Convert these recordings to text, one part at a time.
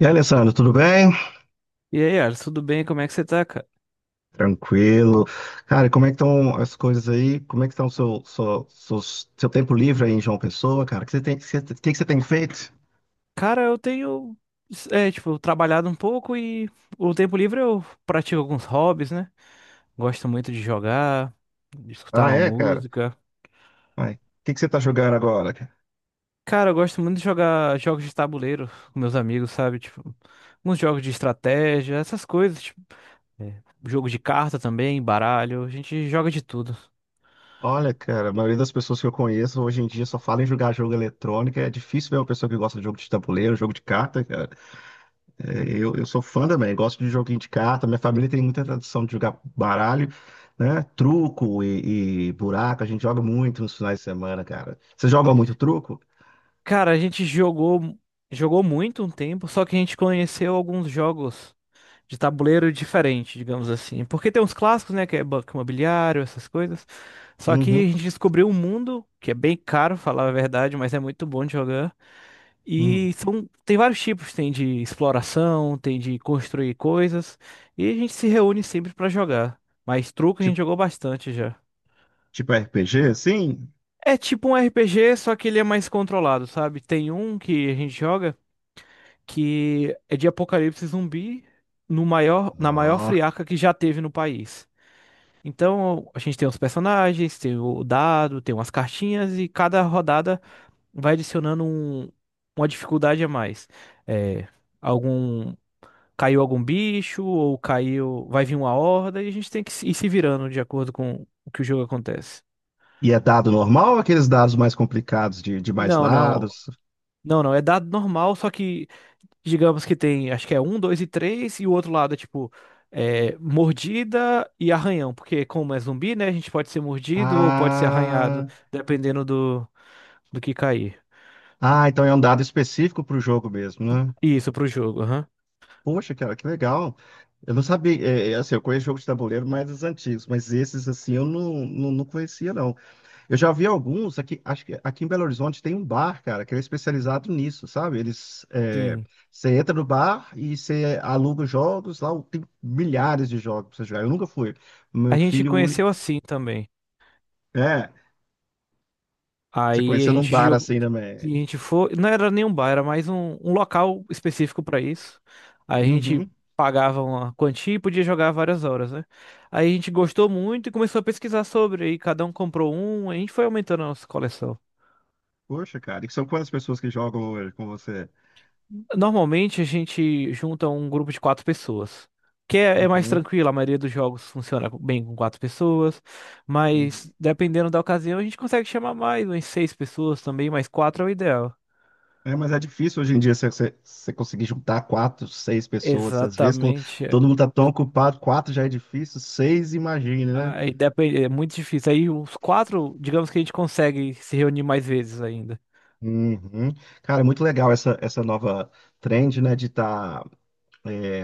E aí, Alessandro, tudo bem? E aí, Ars, tudo bem? Como é que você tá, cara? Tranquilo. Cara, como é que estão as coisas aí? Como é que está o seu tempo livre aí em João Pessoa, cara? O que você tem, que você tem feito? Cara, eu tenho, tipo, trabalhado um pouco e o tempo livre eu pratico alguns hobbies, né? Gosto muito de jogar, de escutar Ah, uma é, cara? música. O que que você tá jogando agora, cara? Cara, eu gosto muito de jogar jogos de tabuleiro com meus amigos, sabe? Tipo, uns jogos de estratégia, essas coisas, tipo, jogo de carta também, baralho, a gente joga de tudo. Olha, cara, a maioria das pessoas que eu conheço hoje em dia só fala em jogar jogo eletrônico. É difícil ver uma pessoa que gosta de jogo de tabuleiro, jogo de carta, cara. Eu sou fã também, gosto de joguinho de carta. Minha família tem muita tradição de jogar baralho, né? Truco e buraco, a gente joga muito nos finais de semana, cara. Você joga muito truco? Cara, a gente jogou muito um tempo, só que a gente conheceu alguns jogos de tabuleiro diferente, digamos assim. Porque tem uns clássicos, né, que é Banco Imobiliário, essas coisas. Só que Uhum. a gente descobriu um mundo que é bem caro, falar a verdade, mas é muito bom de jogar. Hum. Tem vários tipos, tem de exploração, tem de construir coisas, e a gente se reúne sempre pra jogar. Mas truco a gente Tipo, jogou bastante já. tipo RPG, assim? É tipo um RPG, só que ele é mais controlado, sabe? Tem um que a gente joga que é de apocalipse zumbi no maior, na maior Ó. friaca que já teve no país. Então, a gente tem os personagens, tem o dado, tem umas cartinhas e cada rodada vai adicionando uma dificuldade a mais. É, algum caiu algum bicho ou caiu, vai vir uma horda e a gente tem que ir se virando de acordo com o que o jogo acontece. E é dado normal ou aqueles dados mais complicados de mais Não, não. lados? Não, não, é dado normal, só que digamos que tem, acho que é um, dois e três, e o outro lado é tipo, mordida e arranhão, porque como é zumbi, né, a gente pode ser mordido ou pode ser arranhado. Ah, Dependendo do que cair. ah, então é um dado específico para o jogo mesmo, né? Isso, pro jogo, aham. Poxa, cara, que legal. Eu não sabia, é, é, assim, eu conheço jogos de tabuleiro mais os antigos, mas esses, assim, eu não conhecia, não. Eu já vi alguns, aqui, acho que aqui em Belo Horizonte tem um bar, cara, que ele é especializado nisso, sabe? Eles, é, Sim. você entra no bar e você aluga os jogos, lá tem milhares de jogos pra você jogar. Eu nunca fui. A Meu gente filho, único- conheceu assim também. é, você Aí a conheceu num gente bar jogou. assim A também. gente foi. Não era nem um bar, era mais um local específico pra isso. Aí a gente Uhum. pagava uma quantia e podia jogar várias horas, né? Aí a gente gostou muito e começou a pesquisar sobre. Aí cada um comprou um, a gente foi aumentando a nossa coleção. Poxa, cara, e são quantas pessoas que jogam hoje com você? Normalmente a gente junta um grupo de quatro pessoas. Que é mais Uhum. tranquilo, a maioria dos jogos funciona bem com quatro pessoas, mas Uhum. dependendo da ocasião a gente consegue chamar mais, umas seis pessoas também, mas quatro é o ideal. É, mas é difícil hoje em dia você conseguir juntar quatro, seis pessoas. Às vezes, quando Exatamente. todo mundo tá tão ocupado, quatro já é difícil, seis, imagine, né? Aí depende, é muito difícil. Aí os quatro, digamos que a gente consegue se reunir mais vezes ainda. Uhum. Cara, é muito legal essa nova trend, né, de estar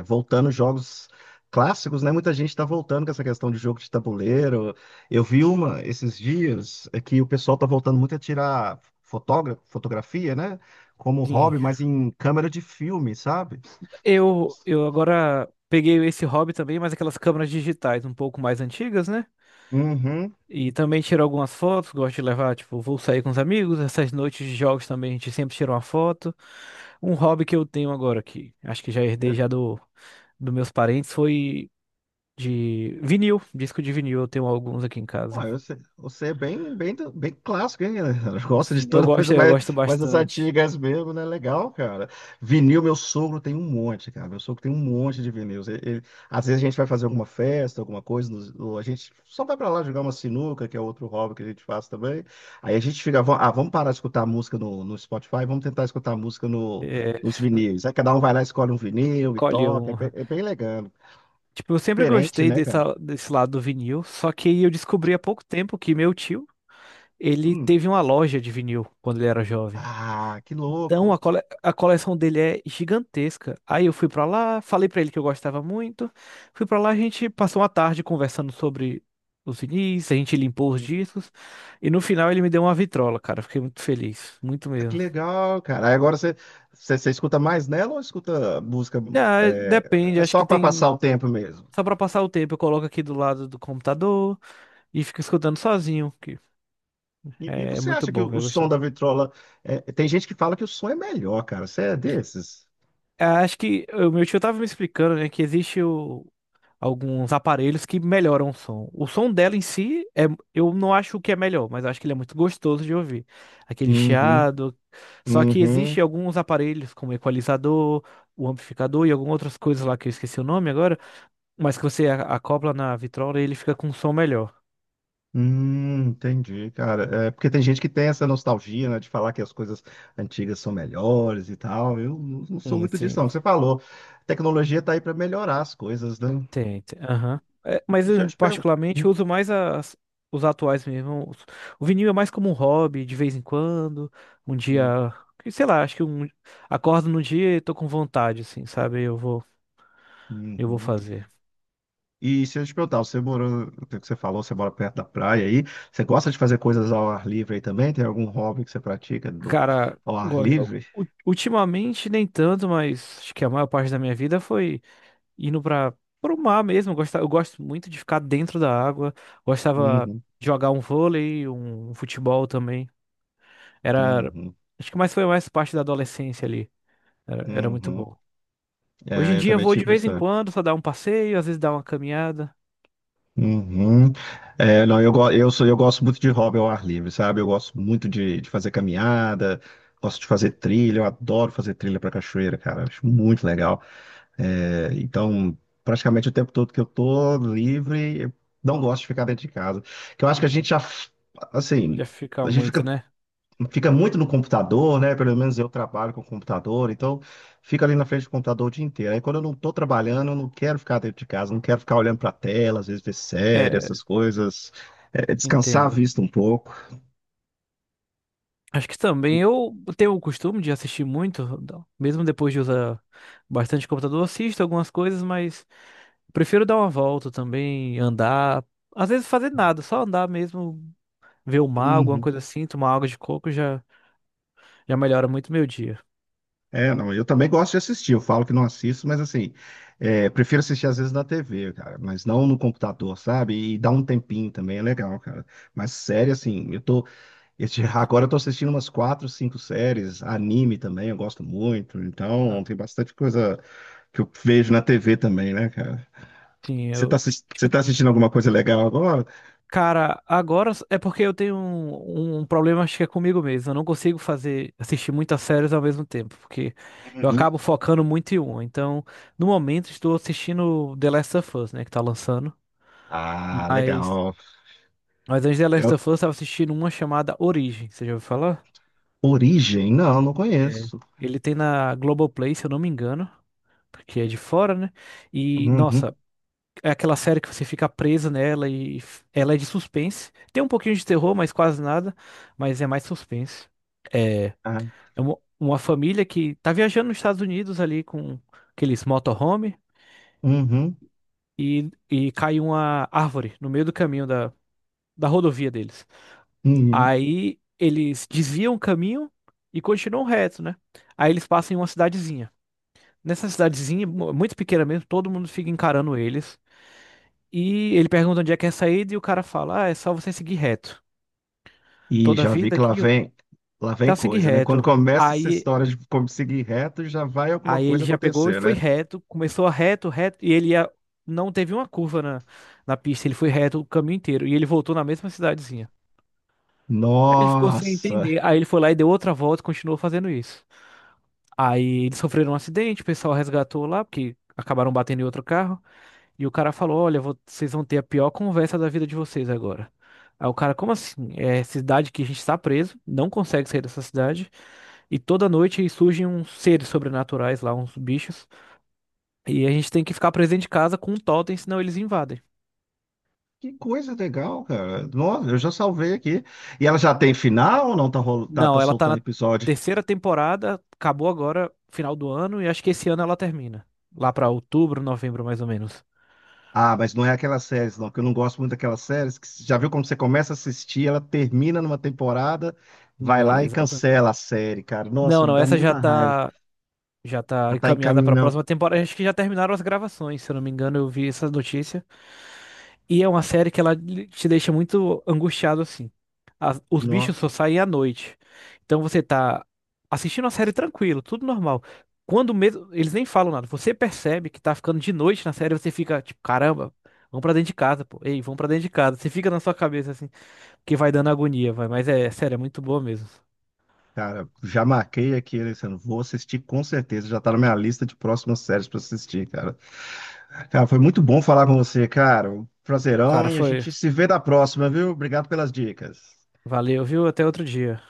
voltando jogos clássicos, né? Muita gente está voltando com essa questão de jogo de tabuleiro. Eu vi uma esses dias é que o pessoal tá voltando muito a tirar fotógra fotografia, né? Como Sim. hobby, mas em câmera de filme, sabe? Eu agora peguei esse hobby também, mas aquelas câmeras digitais um pouco mais antigas, né? Uhum. E também tiro algumas fotos, gosto de levar, tipo, vou sair com os amigos, essas noites de jogos também a gente sempre tira uma foto. Um hobby que eu tenho agora, que acho que já herdei já dos meus parentes, foi de vinil, disco de vinil, eu tenho alguns aqui em Pô, casa. eu você é bem clássico, hein? Gosta de Sim, toda coisa eu mais, gosto mais das bastante. antigas mesmo, né? Legal, cara. Vinil, meu sogro tem um monte, cara. Meu sogro tem um monte de vinis. Às vezes a gente vai fazer alguma festa, alguma coisa, ou a gente só vai pra lá jogar uma sinuca, que é outro hobby que a gente faz também. Aí a gente fica, ah, vamos parar de escutar música no, no Spotify, vamos tentar escutar música no, É, nos vinis." Aí cada um vai lá, escolhe um vinil e colhe toca. Um. É bem legal. Tipo, eu sempre Diferente, gostei né, cara? Desse lado do vinil, só que eu descobri há pouco tempo que meu tio, ele Hum. teve uma loja de vinil quando ele era jovem. Ah, que Então, louco. A coleção dele é gigantesca. Aí eu fui pra lá, falei pra ele que eu gostava muito. Fui pra lá, a gente passou uma tarde conversando sobre os vinis, a gente limpou os discos. E no final ele me deu uma vitrola, cara. Fiquei muito feliz, muito Ah, que mesmo. legal, cara. Aí agora você escuta mais nela ou escuta música Ah, é, depende, é acho só que para passar tem. o tempo mesmo? Só pra passar o tempo, eu coloco aqui do lado do computador e fico escutando sozinho, que E é você muito acha que bom, o velho. som da vitrola. É, tem gente que fala que o som é melhor, cara. Você é desses? Ah, acho que o meu tio tava me explicando, né, que existe alguns aparelhos que melhoram o som. O som dela em si, eu não acho que é melhor, mas acho que ele é muito gostoso de ouvir. Aquele Uhum, chiado. Só que uhum. existe alguns aparelhos, como equalizador, o amplificador e algumas outras coisas lá que eu esqueci o nome agora, mas que você acopla na vitrola e ele fica com um som melhor. Entendi, cara. É, porque tem gente que tem essa nostalgia, né, de falar que as coisas antigas são melhores e tal. Eu não sou Sim, muito disso, sim. não. Você falou, a tecnologia tá aí para melhorar as coisas, né? Tem, tem, aham. É, mas Deixa eu eu, te perguntar. particularmente, uso mais os atuais mesmo. O vinil é mais como um hobby, de vez em quando. Um dia, que, sei lá, acho que acordo num dia e tô com vontade, assim, sabe? Eu vou fazer. E se eu te perguntar, você morou, o que você falou, você mora perto da praia aí, você gosta de fazer coisas ao ar livre aí também? Tem algum hobby que você pratica do, Cara, ao ar livre? Ultimamente nem tanto, mas acho que a maior parte da minha vida foi indo para o mar mesmo. Eu gosto muito de ficar dentro da água. Gostava Uhum, de jogar um vôlei, um futebol também. Era. uhum, Acho que mais foi mais parte da adolescência ali. Era muito uhum. bom. Hoje em É, eu dia eu também vou de tive vez isso. em quando, só dar um passeio, às vezes dar uma caminhada. Uhum. É, não, eu, go- eu, sou, eu gosto muito de hobby ao ar livre, sabe? Eu gosto muito de fazer caminhada, gosto de fazer trilha, eu adoro fazer trilha para cachoeira, cara, acho muito legal. É, então, praticamente o tempo todo que eu tô livre, eu não gosto de ficar dentro de casa. Que eu acho que a Já assim, fica a muito, né? fica muito no computador, né? Pelo menos eu trabalho com computador, então fica ali na frente do computador o dia inteiro. Aí quando eu não tô trabalhando, eu não quero ficar dentro de casa, não quero ficar olhando pra tela, às vezes ver série, É, essas coisas, é, descansar a entendo. vista um pouco. Acho que também eu tenho o costume de assistir muito, mesmo depois de usar bastante computador, eu assisto algumas coisas, mas prefiro dar uma volta também, andar, às vezes fazer nada, só andar mesmo, ver o mar, alguma Uhum. coisa assim, tomar água de coco já já melhora muito meu dia. É, não, eu também gosto de assistir. Eu falo que não assisto, mas assim, é, prefiro assistir às vezes na TV, cara, mas não no computador, sabe? E dá um tempinho também, é legal, cara. Mas série, assim, agora eu tô assistindo umas quatro, cinco séries, anime também, eu gosto muito. Então, Ah, tem bastante coisa que eu vejo na TV também, né, cara? sim, Você eu você tá assistindo alguma coisa legal agora? cara, agora é porque eu tenho um problema, acho que é comigo mesmo. Eu não consigo assistir muitas séries ao mesmo tempo, porque eu Uhum. acabo focando muito em uma. Então, no momento, estou assistindo The Last of Us, né, que tá lançando. Ah, Mas, legal. mas antes de The É Last of Us, eu estava assistindo uma chamada Origem. Você já ouviu falar? Origem? Não, não É. conheço. Ele tem na Globoplay, se eu não me engano, porque é de fora, né? E, Uhum. nossa, é aquela série que você fica preso nela e ela é de suspense. Tem um pouquinho de terror, mas quase nada. Mas é mais suspense. É, Ah, é uma família que tá viajando nos Estados Unidos ali com aqueles motorhome uhum. e, cai uma árvore no meio do caminho da rodovia deles. Uhum. Aí eles desviam o caminho e continuam reto, né? Aí eles passam em uma cidadezinha. Nessa cidadezinha, muito pequena mesmo, todo mundo fica encarando eles. E ele pergunta onde é que é a saída e o cara fala: "Ah, é só você seguir reto. E Toda a já vi vida que aqui, lá vem tá seguir coisa, né? Quando reto." começa essa Aí, história de como seguir reto, já vai alguma aí ele coisa já pegou e acontecer, foi né? reto, começou a reto, reto, e ele ia, não teve uma curva na pista, ele foi reto o caminho inteiro. E ele voltou na mesma cidadezinha. Aí ele ficou sem Nossa, entender. Aí ele foi lá e deu outra volta e continuou fazendo isso. Aí eles sofreram um acidente, o pessoal resgatou lá, porque acabaram batendo em outro carro. E o cara falou: "Olha, vocês vão ter a pior conversa da vida de vocês agora." Aí o cara, como assim? É cidade que a gente está preso, não consegue sair dessa cidade. E toda noite surgem uns seres sobrenaturais lá, uns bichos. E a gente tem que ficar presente em casa com um totem, senão eles invadem. que coisa legal, cara. Nossa, eu já salvei aqui. E ela já tem final ou não tá, tá Não, ela tá soltando na episódio? terceira temporada, acabou agora, final do ano, e acho que esse ano ela termina. Lá pra outubro, novembro, mais ou menos. Ah, mas não é aquelas séries, não, que eu não gosto muito daquelas séries que já viu como você começa a assistir, ela termina numa temporada, vai Sim, lá e exato. cancela a série, cara. Nossa, Não, me não, dá essa já muita raiva. tá. Já tá Já tá encaminhada pra encaminhando. próxima temporada. Acho que já terminaram as gravações, se eu não me engano, eu vi essa notícia. E é uma série que ela te deixa muito angustiado assim. Os bichos só saem à noite. Então você tá assistindo a série tranquilo, tudo normal. Quando mesmo, eles nem falam nada. Você percebe que tá ficando de noite na série, você fica tipo, caramba, vamos pra dentro de casa, pô. Ei, vamos pra dentro de casa. Você fica na sua cabeça assim, porque vai dando agonia, vai. Mas é sério, é muito boa mesmo. Cara, já marquei aqui, Alessandro. Vou assistir com certeza. Já tá na minha lista de próximas séries pra assistir, cara. Cara, foi muito bom falar com você, cara. Um Prazerão Cara, e a foi. gente se vê na próxima, viu? Obrigado pelas dicas. Valeu, viu? Até outro dia.